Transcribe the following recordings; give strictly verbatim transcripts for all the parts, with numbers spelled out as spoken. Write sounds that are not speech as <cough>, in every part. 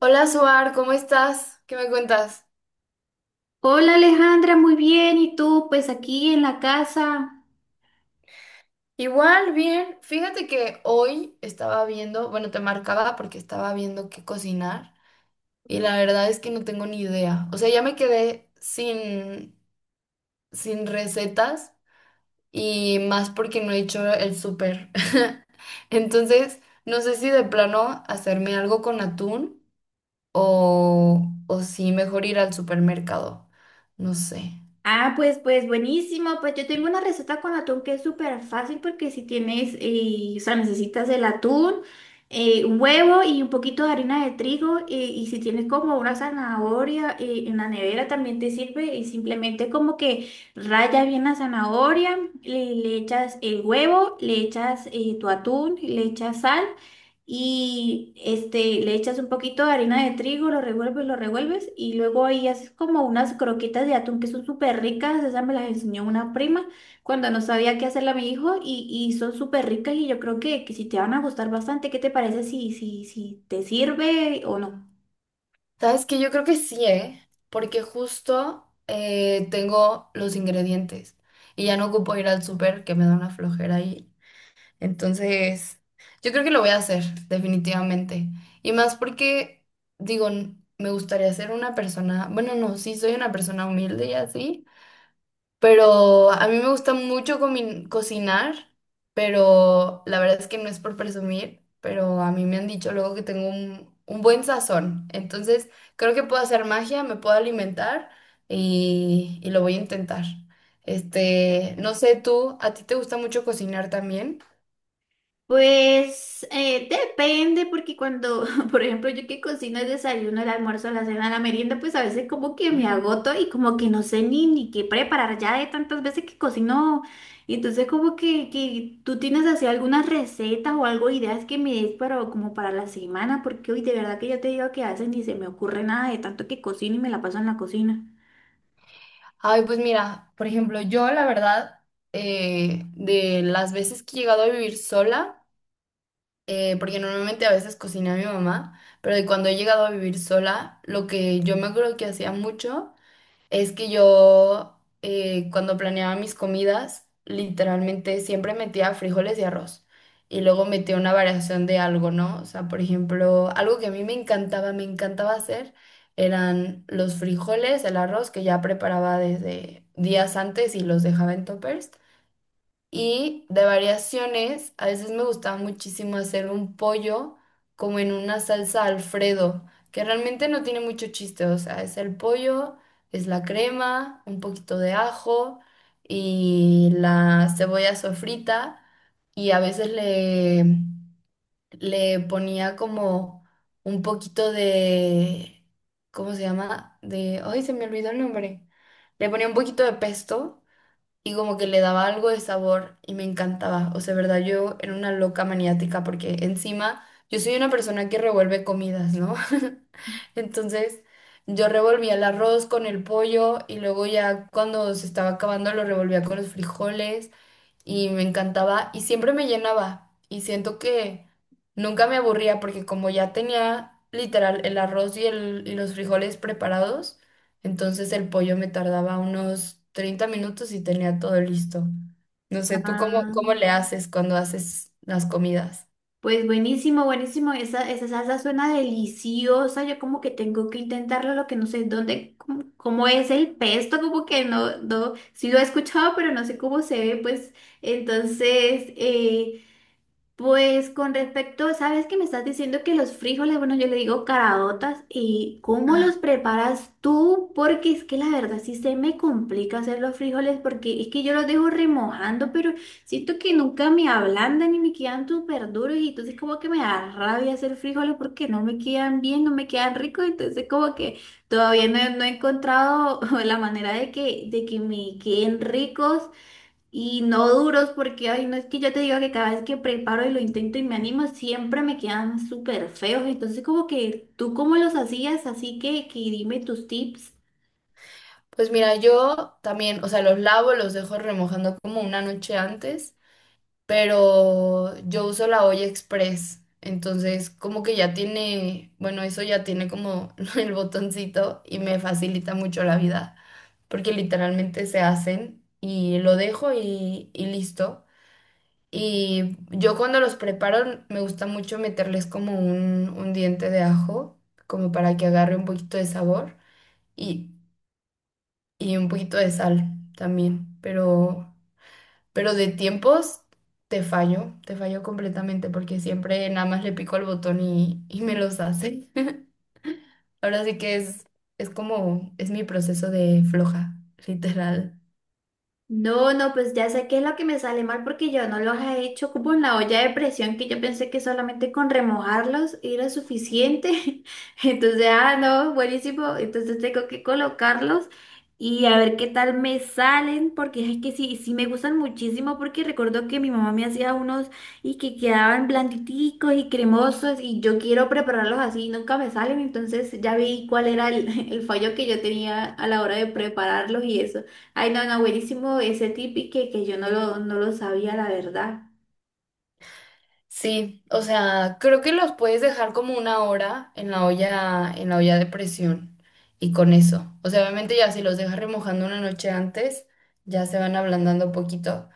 Hola, Suar, ¿cómo estás? ¿Qué me cuentas? Hola Alejandra, muy bien. ¿Y tú? Pues aquí en la casa. Igual, bien. Fíjate que hoy estaba viendo, bueno, te marcaba porque estaba viendo qué cocinar y la verdad es que no tengo ni idea. O sea, ya me quedé sin, sin recetas y más porque no he hecho el súper. <laughs> Entonces, no sé si de plano hacerme algo con atún o, o si mejor ir al supermercado. No sé. Ah, pues, pues buenísimo. Pues yo tengo una receta con atún que es súper fácil porque si tienes, eh, o sea, necesitas el atún, eh, un huevo y un poquito de harina de trigo eh, y si tienes como una zanahoria eh, en la nevera también te sirve y simplemente como que raya bien la zanahoria, le, le echas el huevo, le echas eh, tu atún, le echas sal. Y este, le echas un poquito de harina de trigo, lo revuelves, lo revuelves y luego ahí haces como unas croquetas de atún que son súper ricas, esas me las enseñó una prima cuando no sabía qué hacerle a mi hijo y, y son súper ricas y yo creo que, que si te van a gustar bastante. ¿Qué te parece si, si, si te sirve o no? Sabes que yo creo que sí, ¿eh? Porque justo eh, tengo los ingredientes y ya no ocupo ir al súper que me da una flojera ahí. Entonces, yo creo que lo voy a hacer, definitivamente. Y más porque, digo, n- me gustaría ser una persona, bueno, no, sí, soy una persona humilde y así, pero a mí me gusta mucho comi- cocinar, pero la verdad es que no es por presumir, pero a mí me han dicho luego que tengo un, un buen sazón. Entonces, creo que puedo hacer magia, me puedo alimentar y, y lo voy a intentar. Este, no sé tú, ¿a ti te gusta mucho cocinar también? Pues eh, depende, porque cuando, <laughs> por ejemplo, yo que cocino el desayuno, el almuerzo, la cena, la merienda, pues a veces como que <laughs> me Ujú. agoto y como que no sé ni, ni qué preparar ya de tantas veces que cocino. Y entonces como que, que tú tienes así algunas recetas o algo, ideas que me des para, como para la semana, porque hoy de verdad que yo te digo que a veces ni se me ocurre nada de tanto que cocino y me la paso en la cocina. Ay, pues mira, por ejemplo, yo la verdad, eh, de las veces que he llegado a vivir sola, eh, porque normalmente a veces cocina mi mamá, pero de cuando he llegado a vivir sola, lo que yo me acuerdo que hacía mucho es que yo eh, cuando planeaba mis comidas, literalmente siempre metía frijoles y arroz y luego metía una variación de algo, ¿no? O sea, por ejemplo, algo que a mí me encantaba, me encantaba hacer eran los frijoles, el arroz que ya preparaba desde días antes y los dejaba en toppers. Y de variaciones, a veces me gustaba muchísimo hacer un pollo como en una salsa Alfredo, que realmente no tiene mucho chiste, o sea, es el pollo, es la crema, un poquito de ajo y la cebolla sofrita y a veces le, le ponía como un poquito de, ¿cómo se llama? De, ay, se me olvidó el nombre. Le ponía un poquito de pesto y como que le daba algo de sabor y me encantaba. O sea, verdad, yo era una loca maniática porque encima yo soy una persona que revuelve comidas, ¿no? <laughs> Entonces yo revolvía el arroz con el pollo y luego ya cuando se estaba acabando lo revolvía con los frijoles y me encantaba y siempre me llenaba y siento que nunca me aburría porque como ya tenía literal el arroz y, el, y los frijoles preparados, entonces el pollo me tardaba unos treinta minutos y tenía todo listo. No sé, ¿tú cómo, Ah. cómo le haces cuando haces las comidas? Pues buenísimo, buenísimo. Esa, esa salsa suena deliciosa. Yo como que tengo que intentarlo, lo que no sé dónde, cómo, cómo es el pesto, como que no, no, sí lo he escuchado, pero no sé cómo se ve. Pues entonces, eh, pues con respecto, sabes que me estás diciendo que los frijoles, bueno, yo le digo caraotas, ¿y cómo Ah, los preparas tú? Porque es que la verdad sí se me complica hacer los frijoles porque es que yo los dejo remojando, pero siento que nunca me ablandan y me quedan súper duros y entonces como que me da rabia hacer frijoles porque no me quedan bien, no me quedan ricos, entonces como que todavía no, he no he encontrado <laughs> la manera de que, de que me queden ricos. Y no duros porque, ay, no es que yo te digo que cada vez que preparo y lo intento y me animo, siempre me quedan súper feos. Entonces, como que tú cómo los hacías, así que, que dime tus tips. pues mira, yo también, o sea, los lavo, los dejo remojando como una noche antes pero yo uso la olla express, entonces como que ya tiene, bueno, eso ya tiene como <laughs> el botoncito y me facilita mucho la vida, porque literalmente se hacen y lo dejo y, y listo. Y yo cuando los preparo me gusta mucho meterles como un, un diente de ajo, como para que agarre un poquito de sabor y, y un poquito de sal también, pero... Pero de tiempos te fallo, te fallo completamente porque siempre nada más le pico al botón y, y me los hace. <laughs> Ahora sí que es, es como, es mi proceso de floja, literal. No, no, pues ya sé qué es lo que me sale mal porque yo no los he hecho como en la olla de presión que yo pensé que solamente con remojarlos era suficiente. <laughs> Entonces, ah, no, buenísimo. Entonces tengo que colocarlos y a ver qué tal me salen porque es que sí, sí me gustan muchísimo porque recuerdo que mi mamá me hacía unos y que quedaban blanditicos y cremosos y yo quiero prepararlos así y nunca me salen. Entonces ya vi cuál era el, <laughs> el fallo que yo tenía a la hora de prepararlos y eso. Ay, no, no, buenísimo ese tip y que, que yo no lo, no lo sabía, la verdad. Sí, o sea, creo que los puedes dejar como una hora en la olla, en la olla de presión y con eso. O sea, obviamente ya si los dejas remojando una noche antes, ya se van ablandando poquito.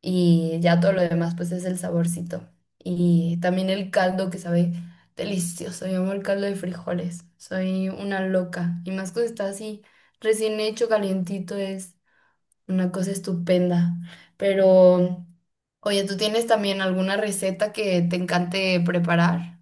Y ya todo lo demás pues es el saborcito. Y también el caldo que sabe delicioso, yo amo el caldo de frijoles, soy una loca y más cuando está así recién hecho calientito es una cosa estupenda. Pero oye, ¿tú tienes también alguna receta que te encante preparar?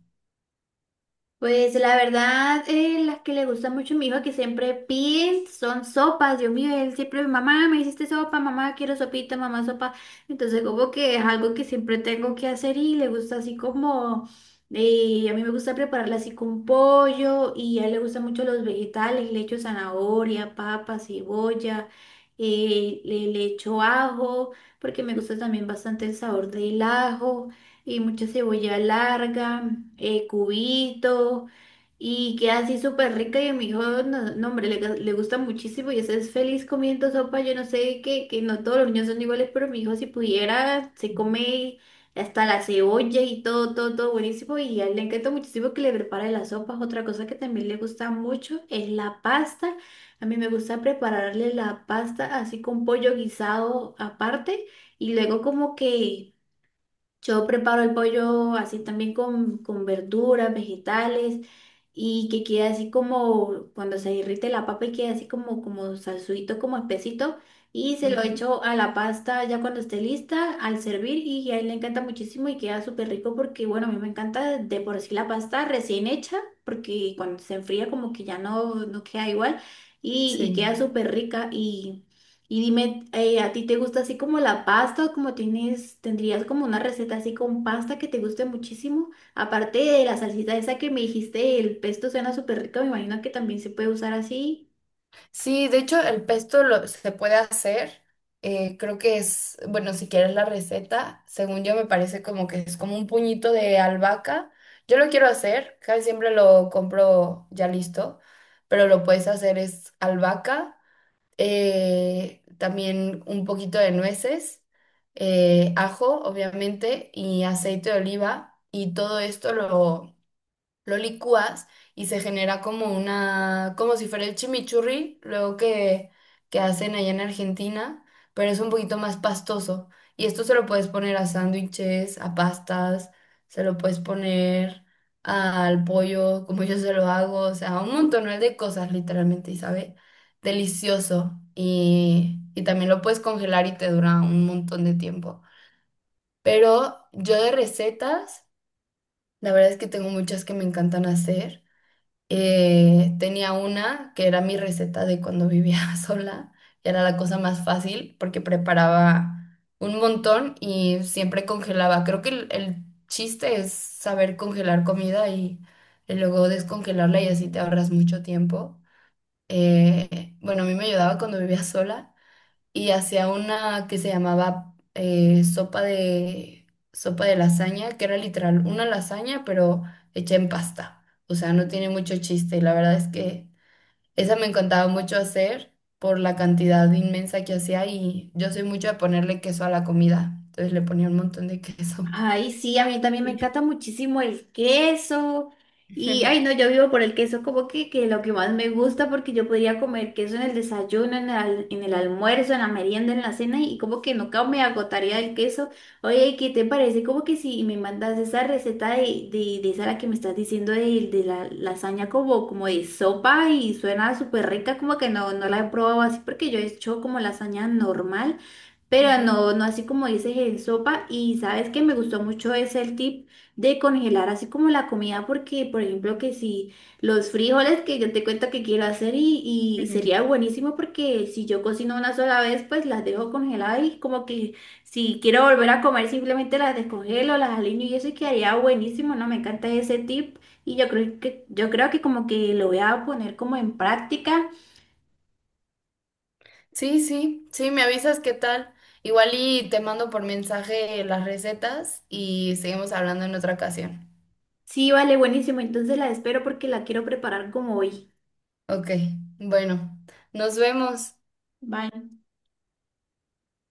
Pues la verdad, eh, las que le gusta mucho a mi hijo que siempre pide son sopas. Dios mío, él siempre, mamá, me hiciste sopa, mamá, quiero sopita, mamá, sopa. Entonces como que es algo que siempre tengo que hacer y le gusta así como, eh, a mí me gusta prepararla así con pollo y a él le gustan mucho los vegetales, le echo zanahoria, papa, cebolla, eh, le, le echo ajo, porque me gusta también bastante el sabor del ajo y mucha cebolla larga, eh, cubitos, y queda así súper rica. Y a mi hijo, no, no, hombre, le, le gusta muchísimo y ese es feliz comiendo sopa. Yo no sé que, que no todos los niños son iguales, pero mi hijo, si pudiera, se come hasta la cebolla y todo, todo, todo buenísimo. Y a él le encanta muchísimo que le prepare las sopas. Otra cosa que también le gusta mucho es la pasta. A mí me gusta prepararle la pasta así con pollo guisado aparte y luego como que. Yo preparo el pollo así también con, con verduras, vegetales y que quede así como cuando se derrite la papa y quede así como, como salsuito, como espesito y se lo Ujú. echo a la pasta ya cuando esté lista al servir y a él le encanta muchísimo y queda súper rico porque bueno, a mí me encanta de por sí la pasta recién hecha porque cuando se enfría como que ya no, no queda igual y, y Sí. queda súper rica y y dime, eh, ¿a ti te gusta así como la pasta o como tienes, tendrías como una receta así con pasta que te guste muchísimo? Aparte de la salsita esa que me dijiste, el pesto suena súper rico, me imagino que también se puede usar así. Sí, de hecho el pesto lo, se puede hacer. eh, creo que es, bueno, si quieres la receta, según yo me parece como que es como un puñito de albahaca. Yo lo quiero hacer, casi siempre lo compro ya listo, pero lo puedes hacer es albahaca, eh, también un poquito de nueces, eh, ajo, obviamente, y aceite de oliva, y todo esto lo lo licúas y se genera como una, como si fuera el chimichurri, luego que, que hacen allá en Argentina, pero es un poquito más pastoso. Y esto se lo puedes poner a sándwiches, a pastas, se lo puedes poner al pollo, como yo se lo hago, o sea, un montón de cosas literalmente, y sabe delicioso. Y, y también lo puedes congelar y te dura un montón de tiempo. Pero yo de recetas, la verdad es que tengo muchas que me encantan hacer. Eh, tenía una que era mi receta de cuando vivía <laughs> sola. Era la cosa más fácil porque preparaba un montón y siempre congelaba. Creo que el, el chiste es saber congelar comida y, y luego descongelarla y así te ahorras mucho tiempo. Eh, bueno, a mí me ayudaba cuando vivía sola y hacía una que se llamaba eh, sopa de sopa de lasaña, que era literal una lasaña, pero hecha en pasta. O sea, no tiene mucho chiste. Y la verdad es que esa me encantaba mucho hacer por la cantidad inmensa que hacía y yo soy mucho de ponerle queso a la comida. Entonces le ponía un montón de queso. Ay, sí, a mí también me encanta muchísimo el queso. Y, ay, no, <laughs> yo vivo por el queso, como que, que lo que más me gusta, porque yo podría comer queso en el desayuno, en el, al- en el almuerzo, en la merienda, en la cena, y como que nunca me agotaría del queso. Oye, ¿qué te parece? Como que si me mandas esa receta de, de, de esa la que me estás diciendo de, de la lasaña como, como de sopa y suena súper rica, como que no, no la he probado así, porque yo he hecho como lasaña normal. Pero Ujú, no, no así como dices en sopa. Y sabes que me gustó mucho ese el tip de congelar así como la comida, porque por ejemplo que si los frijoles que yo te cuento que quiero hacer y, y ujú. sería buenísimo porque si yo cocino una sola vez, pues las dejo congeladas y como que si quiero volver a comer simplemente las descongelo, las aliño y eso y quedaría buenísimo, ¿no? Me encanta ese tip y yo creo que, yo creo que como que lo voy a poner como en práctica. Sí, sí, sí, me avisas qué tal. Igual y te mando por mensaje las recetas y seguimos hablando en otra ocasión. Sí, vale, buenísimo. Entonces la espero porque la quiero preparar como hoy. Ok, bueno, nos vemos. Bye.